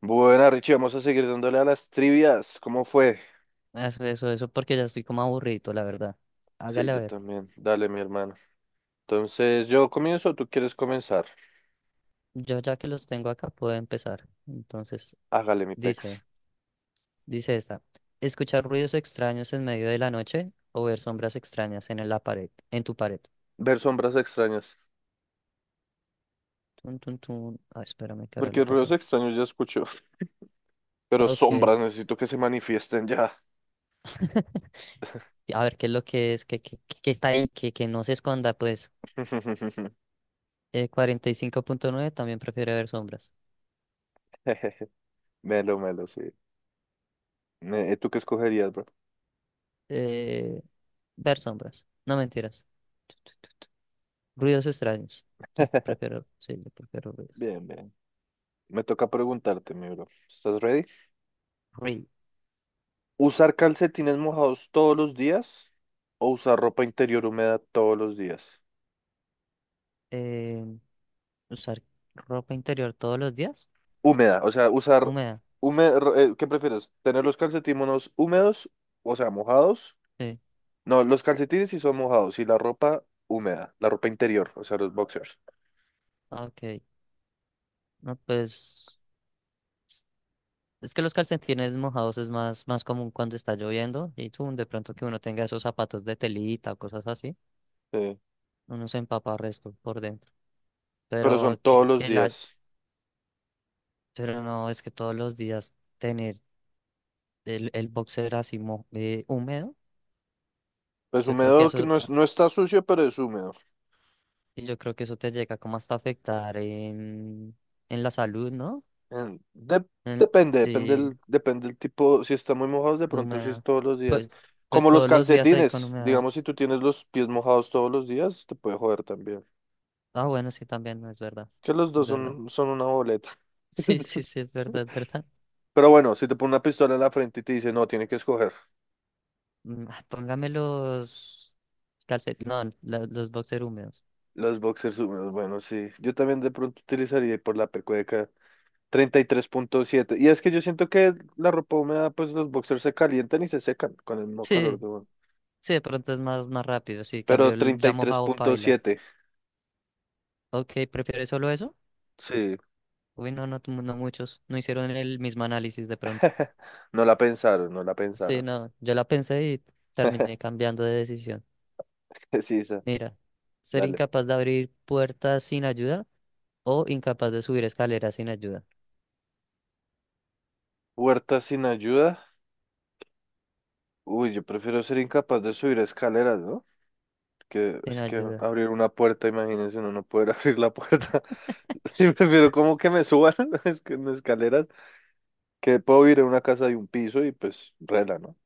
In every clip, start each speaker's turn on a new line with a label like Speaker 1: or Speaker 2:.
Speaker 1: Buena, Richie, vamos a seguir dándole a las trivias. ¿Cómo fue?
Speaker 2: Eso, porque ya estoy como aburrido, la verdad.
Speaker 1: Sí,
Speaker 2: Hágale a
Speaker 1: yo
Speaker 2: ver.
Speaker 1: también. Dale, mi hermano. Entonces, ¿yo comienzo o tú quieres comenzar?
Speaker 2: Yo ya que los tengo acá puedo empezar. Entonces,
Speaker 1: Hágale, mi
Speaker 2: dice,
Speaker 1: pex.
Speaker 2: dice esta. Escuchar ruidos extraños en medio de la noche o ver sombras extrañas en la pared, en tu pared.
Speaker 1: Ver sombras extrañas.
Speaker 2: Tun, tun, tun. Ay, espérame que ahora lo
Speaker 1: Porque ruidos
Speaker 2: pasé.
Speaker 1: extraños ya escucho. Pero
Speaker 2: Ok.
Speaker 1: sombras necesito que se manifiesten ya.
Speaker 2: A ver qué es lo que es, que está ahí, que no se esconda, pues. 45,9% también prefiere ver sombras.
Speaker 1: Melo, melo, sí. ¿Tú qué escogerías, bro?
Speaker 2: Eh, ver sombras. No mentiras. Ruidos extraños. Yo prefiero, sí, yo prefiero ruidos.
Speaker 1: Bien, bien. Me toca preguntarte, mi bro. ¿Estás ready?
Speaker 2: Ruido.
Speaker 1: ¿Usar calcetines mojados todos los días o usar ropa interior húmeda todos los días?
Speaker 2: Eh, usar ropa interior todos los días.
Speaker 1: Húmeda, o sea, usar
Speaker 2: Húmeda.
Speaker 1: ¿qué prefieres? ¿Tener los calcetines húmedos, o sea, mojados?
Speaker 2: Sí.
Speaker 1: No, los calcetines sí son mojados y la ropa húmeda, la ropa interior, o sea, los boxers.
Speaker 2: Ah, ok. No, pues es que los calcetines mojados es más común cuando está lloviendo y tú, de pronto que uno tenga esos zapatos de telita o cosas así,
Speaker 1: Sí,
Speaker 2: uno se empapa resto por dentro.
Speaker 1: pero son
Speaker 2: Pero
Speaker 1: todos
Speaker 2: que,
Speaker 1: los
Speaker 2: que la,
Speaker 1: días.
Speaker 2: pero no, es que todos los días tener el boxer así húmedo,
Speaker 1: Pues
Speaker 2: yo creo que
Speaker 1: húmedo que
Speaker 2: eso
Speaker 1: no es, no está sucio, pero es húmedo.
Speaker 2: y yo creo que eso te llega como hasta afectar en la salud, ¿no?
Speaker 1: En- de-
Speaker 2: En,
Speaker 1: depende,
Speaker 2: sí,
Speaker 1: depende el tipo, si está muy mojado de
Speaker 2: de
Speaker 1: pronto sí es
Speaker 2: humedad.
Speaker 1: todos los días.
Speaker 2: Pues, pues
Speaker 1: Como los
Speaker 2: todos los días ahí con
Speaker 1: calcetines,
Speaker 2: humedad.
Speaker 1: digamos, si tú tienes los pies mojados todos los días, te puede joder también.
Speaker 2: Ah, bueno, sí, también, no es verdad.
Speaker 1: Que los
Speaker 2: Es
Speaker 1: dos
Speaker 2: verdad.
Speaker 1: son, son una boleta.
Speaker 2: Sí, sí, sí, es verdad, es verdad.
Speaker 1: Pero bueno, si te pone una pistola en la frente y te dice, no, tiene que escoger
Speaker 2: Póngame los calcetines, no, los boxer húmedos.
Speaker 1: los boxers húmedos. Bueno, sí, yo también de pronto utilizaría por la pecueca 33,7, y es que yo siento que la ropa húmeda, pues los boxers se calientan y se secan con el mismo calor
Speaker 2: Sí,
Speaker 1: de uno.
Speaker 2: sí, de pronto es más rápido. Sí, cambió
Speaker 1: Pero
Speaker 2: el
Speaker 1: treinta
Speaker 2: ya
Speaker 1: y tres
Speaker 2: mojado
Speaker 1: punto
Speaker 2: paila.
Speaker 1: siete
Speaker 2: Ok, ¿prefieres solo eso?
Speaker 1: sí.
Speaker 2: Uy, no, no, no muchos. No hicieron el mismo análisis de pronto.
Speaker 1: No la pensaron, no la
Speaker 2: Sí,
Speaker 1: pensaron.
Speaker 2: no, yo la pensé y terminé cambiando de decisión.
Speaker 1: Sí, esa,
Speaker 2: Mira, ser
Speaker 1: dale.
Speaker 2: incapaz de abrir puertas sin ayuda o incapaz de subir escaleras sin ayuda.
Speaker 1: Huerta sin ayuda. Uy, yo prefiero ser incapaz de subir escaleras, ¿no? Que
Speaker 2: Sin
Speaker 1: es que
Speaker 2: ayuda.
Speaker 1: abrir una puerta, imagínense, uno no poder abrir la puerta. Pero como que me suban es que en escaleras, que puedo ir a una casa de un piso y pues rela, ¿no?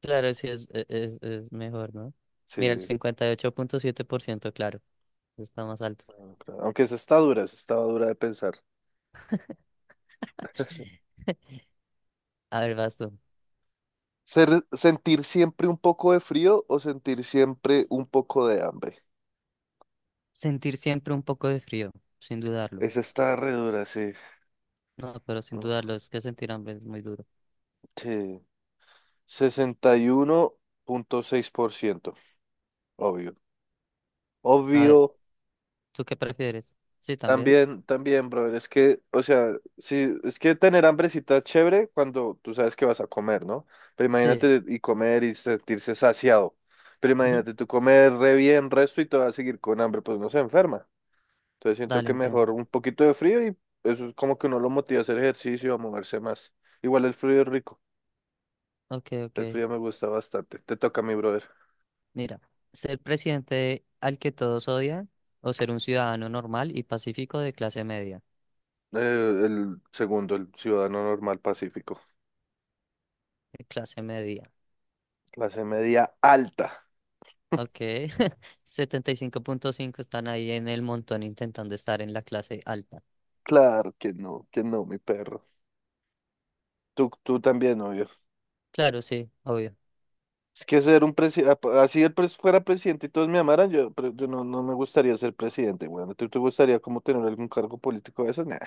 Speaker 2: Claro, sí, es mejor, ¿no? Mira, el
Speaker 1: Sí,
Speaker 2: 58.7%, claro, está más alto.
Speaker 1: bueno, claro. Aunque esa está dura, esa estaba dura de pensar.
Speaker 2: A ver, vas tú.
Speaker 1: Sentir siempre un poco de frío o sentir siempre un poco de hambre.
Speaker 2: Sentir siempre un poco de frío, sin dudarlo.
Speaker 1: Esa está re dura, sí.
Speaker 2: No, pero sin
Speaker 1: Uf,
Speaker 2: dudarlo, es que sentir hambre es muy duro.
Speaker 1: sí, 61,6%, obvio.
Speaker 2: A ver,
Speaker 1: Obvio,
Speaker 2: ¿tú qué prefieres? Sí, también.
Speaker 1: también, también, brother, es que, o sea, sí, es que tener hambrecita es chévere cuando tú sabes que vas a comer, ¿no? Pero
Speaker 2: Sí.
Speaker 1: imagínate y comer y sentirse saciado. Pero
Speaker 2: Ujú.
Speaker 1: imagínate tú comer re bien resto y te vas a seguir con hambre, pues no se enferma. Entonces siento
Speaker 2: Dale,
Speaker 1: que
Speaker 2: entiendo.
Speaker 1: mejor un poquito de frío, y eso es como que uno lo motiva a hacer ejercicio, a moverse más. Igual el frío es rico,
Speaker 2: Ok, ok.
Speaker 1: el frío me gusta bastante. Te toca a mi brother.
Speaker 2: Mira, ser presidente al que todos odian o ser un ciudadano normal y pacífico de clase media.
Speaker 1: Eh, el segundo, el ciudadano normal pacífico.
Speaker 2: De clase media.
Speaker 1: Clase media alta.
Speaker 2: Ok, 75,5 están ahí en el montón intentando estar en la clase alta.
Speaker 1: Claro que no, mi perro. Tú también, obvio.
Speaker 2: Claro, sí, obvio.
Speaker 1: Es que ser un presidente, así fuera presidente y todos me amaran, yo no, no me gustaría ser presidente, weón. ¿Tú te gustaría como tener algún cargo político de esos? Nah.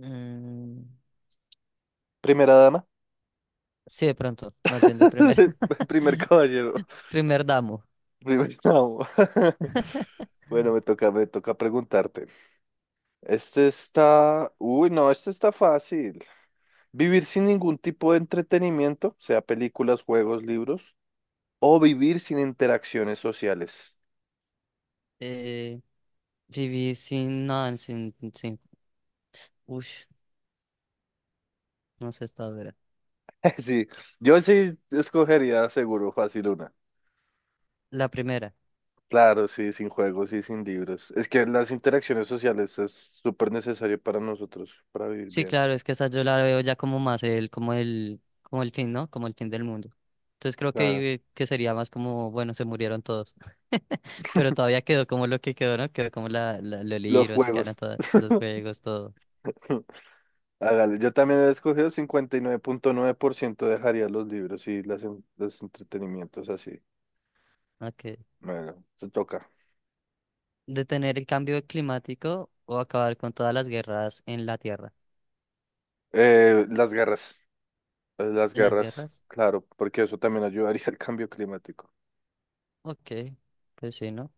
Speaker 2: Mm,
Speaker 1: Primera dama.
Speaker 2: sí, de pronto, más bien de primera.
Speaker 1: Primer caballero.
Speaker 2: Primer damo.
Speaker 1: Primer damo. Bueno, me toca preguntarte. Este está. Uy, no, este está fácil. Vivir sin ningún tipo de entretenimiento, sea películas, juegos, libros, o vivir sin interacciones sociales.
Speaker 2: Eh, viví sin, uff, no sé esta dura.
Speaker 1: Sí, yo sí escogería seguro fácil una.
Speaker 2: La primera.
Speaker 1: Claro, sí, sin juegos y sin libros. Es que las interacciones sociales es súper necesario para nosotros, para vivir
Speaker 2: Sí,
Speaker 1: bien.
Speaker 2: claro, es que esa yo la veo ya como como el fin, ¿no? Como el fin del mundo. Entonces creo
Speaker 1: Claro.
Speaker 2: que sería más como, bueno, se murieron todos. Pero todavía quedó como lo que quedó, ¿no? Quedó como los
Speaker 1: Los
Speaker 2: libros, quedaron
Speaker 1: juegos.
Speaker 2: todos los juegos, todo.
Speaker 1: Hágale. Yo también he escogido 59,9%, dejaría los libros y los entretenimientos así.
Speaker 2: Okay.
Speaker 1: Bueno, se toca.
Speaker 2: Detener el cambio climático o acabar con todas las guerras en la Tierra.
Speaker 1: Las garras. Eh, las
Speaker 2: ¿Las
Speaker 1: garras,
Speaker 2: guerras?
Speaker 1: claro, porque eso también ayudaría al cambio climático.
Speaker 2: Ok, pues sí, ¿no?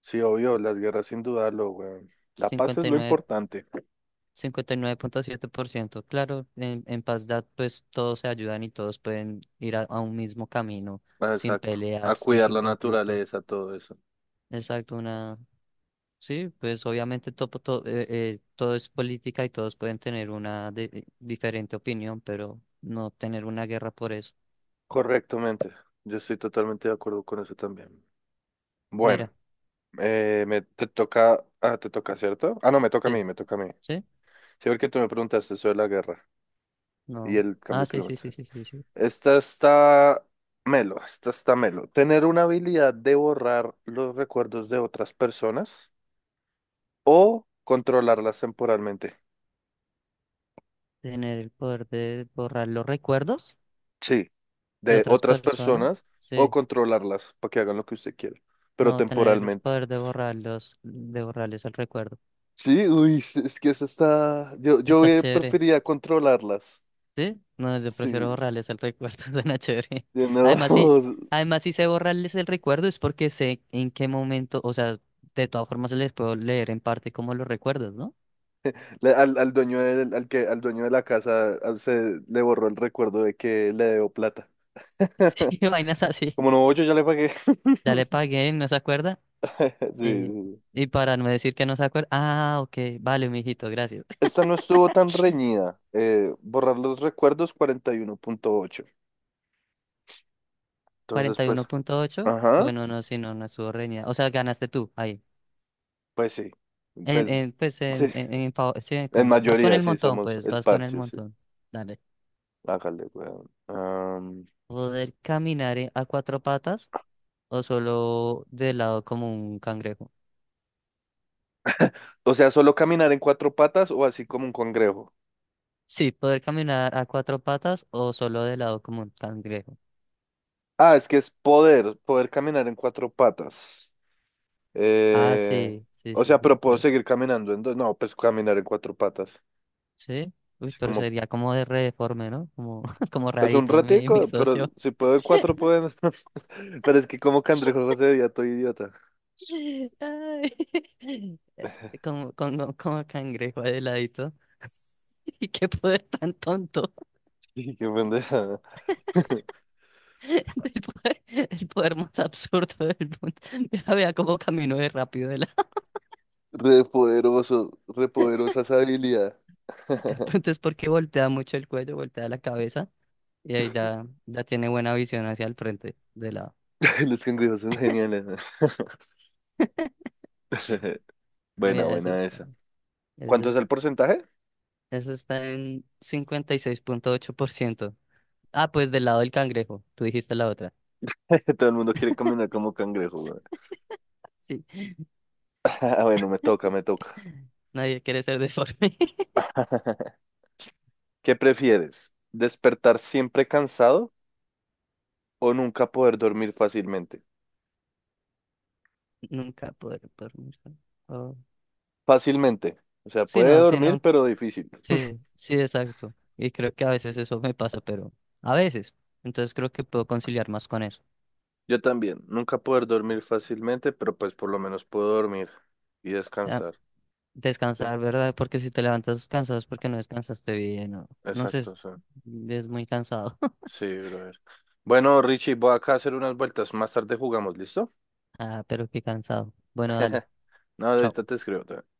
Speaker 1: Sí, obvio,
Speaker 2: Eh,
Speaker 1: las guerras sin dudarlo, weón. La paz es
Speaker 2: cincuenta y
Speaker 1: lo
Speaker 2: nueve
Speaker 1: importante.
Speaker 2: 59,7%. Claro, en Pazdat pues todos se ayudan y todos pueden ir a un mismo camino
Speaker 1: Ah,
Speaker 2: sin
Speaker 1: exacto. A
Speaker 2: peleas y
Speaker 1: cuidar
Speaker 2: sin
Speaker 1: la
Speaker 2: conflicto.
Speaker 1: naturaleza, todo eso.
Speaker 2: Exacto, una... Sí, pues obviamente todo es política y todos pueden tener una diferente opinión, pero no tener una guerra por eso.
Speaker 1: Correctamente. Yo estoy totalmente de acuerdo con eso también. Bueno,
Speaker 2: Mira,
Speaker 1: me te toca, ah, te toca, ¿cierto? Ah, no, me toca a
Speaker 2: sí,
Speaker 1: mí, me toca a mí.
Speaker 2: sí,
Speaker 1: Sí, porque tú me preguntaste sobre la guerra y
Speaker 2: no.
Speaker 1: el
Speaker 2: Ah,
Speaker 1: cambio
Speaker 2: sí, sí, sí,
Speaker 1: climático.
Speaker 2: sí, sí, sí.
Speaker 1: Esta está melo, esta está melo. Tener una habilidad de borrar los recuerdos de otras personas o controlarlas temporalmente.
Speaker 2: Tener el poder de borrar los recuerdos
Speaker 1: Sí,
Speaker 2: de
Speaker 1: de
Speaker 2: otras
Speaker 1: otras
Speaker 2: personas.
Speaker 1: personas o
Speaker 2: Sí.
Speaker 1: controlarlas para que hagan lo que usted quiera, pero
Speaker 2: No, tener el
Speaker 1: temporalmente.
Speaker 2: poder de borrarlos, de borrarles el recuerdo.
Speaker 1: Sí, uy, es que eso está. Yo, yo
Speaker 2: Está
Speaker 1: hubiera-
Speaker 2: chévere,
Speaker 1: preferiría controlarlas.
Speaker 2: ¿sí? No, yo
Speaker 1: Sí,
Speaker 2: prefiero borrarles el recuerdo, suena chévere.
Speaker 1: de no.
Speaker 2: Además, sí, además, si sé borrarles el recuerdo es porque sé en qué momento, o sea, de todas formas les puedo leer en parte como los recuerdos, ¿no?
Speaker 1: Al dueño de la casa se le borró el recuerdo de que le debo plata.
Speaker 2: Sí, vainas así.
Speaker 1: Como no, yo ya le pagué.
Speaker 2: Ya le pagué, no se acuerda.
Speaker 1: Sí,
Speaker 2: Eh,
Speaker 1: sí.
Speaker 2: y para no decir que no se acuerda. Ah, ok, vale, mijito, gracias.
Speaker 1: Esta no estuvo tan reñida. Borrar los recuerdos 41,8. Entonces,
Speaker 2: cuarenta y
Speaker 1: pues,
Speaker 2: uno punto ocho
Speaker 1: ajá,
Speaker 2: Bueno, no, si no, no estuvo reñida. O sea, ganaste tú, ahí.
Speaker 1: pues sí. Pues
Speaker 2: En, pues
Speaker 1: sí,
Speaker 2: en pa- sí,
Speaker 1: en
Speaker 2: con, vas con
Speaker 1: mayoría
Speaker 2: el
Speaker 1: sí
Speaker 2: montón,
Speaker 1: somos
Speaker 2: pues,
Speaker 1: el
Speaker 2: vas con el
Speaker 1: parche, sí.
Speaker 2: montón. Dale.
Speaker 1: Hágale, weón.
Speaker 2: ¿Poder caminar a cuatro patas o solo de lado como un cangrejo?
Speaker 1: O sea, solo caminar en cuatro patas o así como un congrejo.
Speaker 2: Sí, poder caminar a cuatro patas o solo de lado como un cangrejo.
Speaker 1: Ah, es que es poder, poder caminar en cuatro patas.
Speaker 2: Ah,
Speaker 1: Eh,
Speaker 2: sí, sí,
Speaker 1: o
Speaker 2: sí,
Speaker 1: sea,
Speaker 2: sí,
Speaker 1: pero puedo
Speaker 2: poder.
Speaker 1: seguir caminando en dos. No, pues caminar en cuatro patas.
Speaker 2: Sí. Uy,
Speaker 1: Así
Speaker 2: pero
Speaker 1: como,
Speaker 2: sería como de re deforme, ¿no? Como, como
Speaker 1: pues un
Speaker 2: rarito, mi
Speaker 1: ratico, pero
Speaker 2: socio.
Speaker 1: si puedo en cuatro, puedo en- Pero es que como cangrejo José veía todo idiota.
Speaker 2: Ay, como cangrejo de ladito. Y qué poder tan tonto.
Speaker 1: Sí, qué pendeja.
Speaker 2: del poder, el poder más absurdo del mundo. Mira, vea cómo caminó de rápido. De la...
Speaker 1: Re poderoso, re poderosa esa habilidad.
Speaker 2: Entonces, porque voltea mucho el cuello, voltea la cabeza y ahí ya, ya tiene buena visión hacia el frente de la...
Speaker 1: Los cangrejos son geniales, ¿no? Buena,
Speaker 2: Mira,
Speaker 1: buena esa.
Speaker 2: eso
Speaker 1: ¿Cuánto es el
Speaker 2: es-
Speaker 1: porcentaje?
Speaker 2: eso está en 56.8%. Ah, pues del lado del cangrejo. Tú dijiste la otra.
Speaker 1: Que todo el mundo quiere caminar como cangrejo, güey.
Speaker 2: Sí.
Speaker 1: Ah, bueno, me toca, me toca.
Speaker 2: Nadie quiere ser deforme.
Speaker 1: ¿Qué prefieres? ¿Despertar siempre cansado o nunca poder dormir fácilmente?
Speaker 2: Nunca poder dormir. Oh.
Speaker 1: Fácilmente. O sea,
Speaker 2: Sí,
Speaker 1: puede
Speaker 2: no, sí,
Speaker 1: dormir,
Speaker 2: no.
Speaker 1: pero difícil.
Speaker 2: Sí, sí, exacto. Y creo que a veces eso me pasa, pero a veces. Entonces creo que puedo conciliar más con eso.
Speaker 1: Yo también. Nunca poder dormir fácilmente, pero pues por lo menos puedo dormir y
Speaker 2: Ah,
Speaker 1: descansar. ¿No?
Speaker 2: descansar, ¿verdad? Porque si te levantas cansado es porque no descansaste bien, o no sé,
Speaker 1: Exacto, sí.
Speaker 2: es muy cansado.
Speaker 1: Sí, brother. Bueno, Richie, voy acá a hacer unas vueltas. Más tarde jugamos, ¿listo?
Speaker 2: Ah, pero qué cansado. Bueno, dale.
Speaker 1: No,
Speaker 2: Chao.
Speaker 1: ahorita te escribo.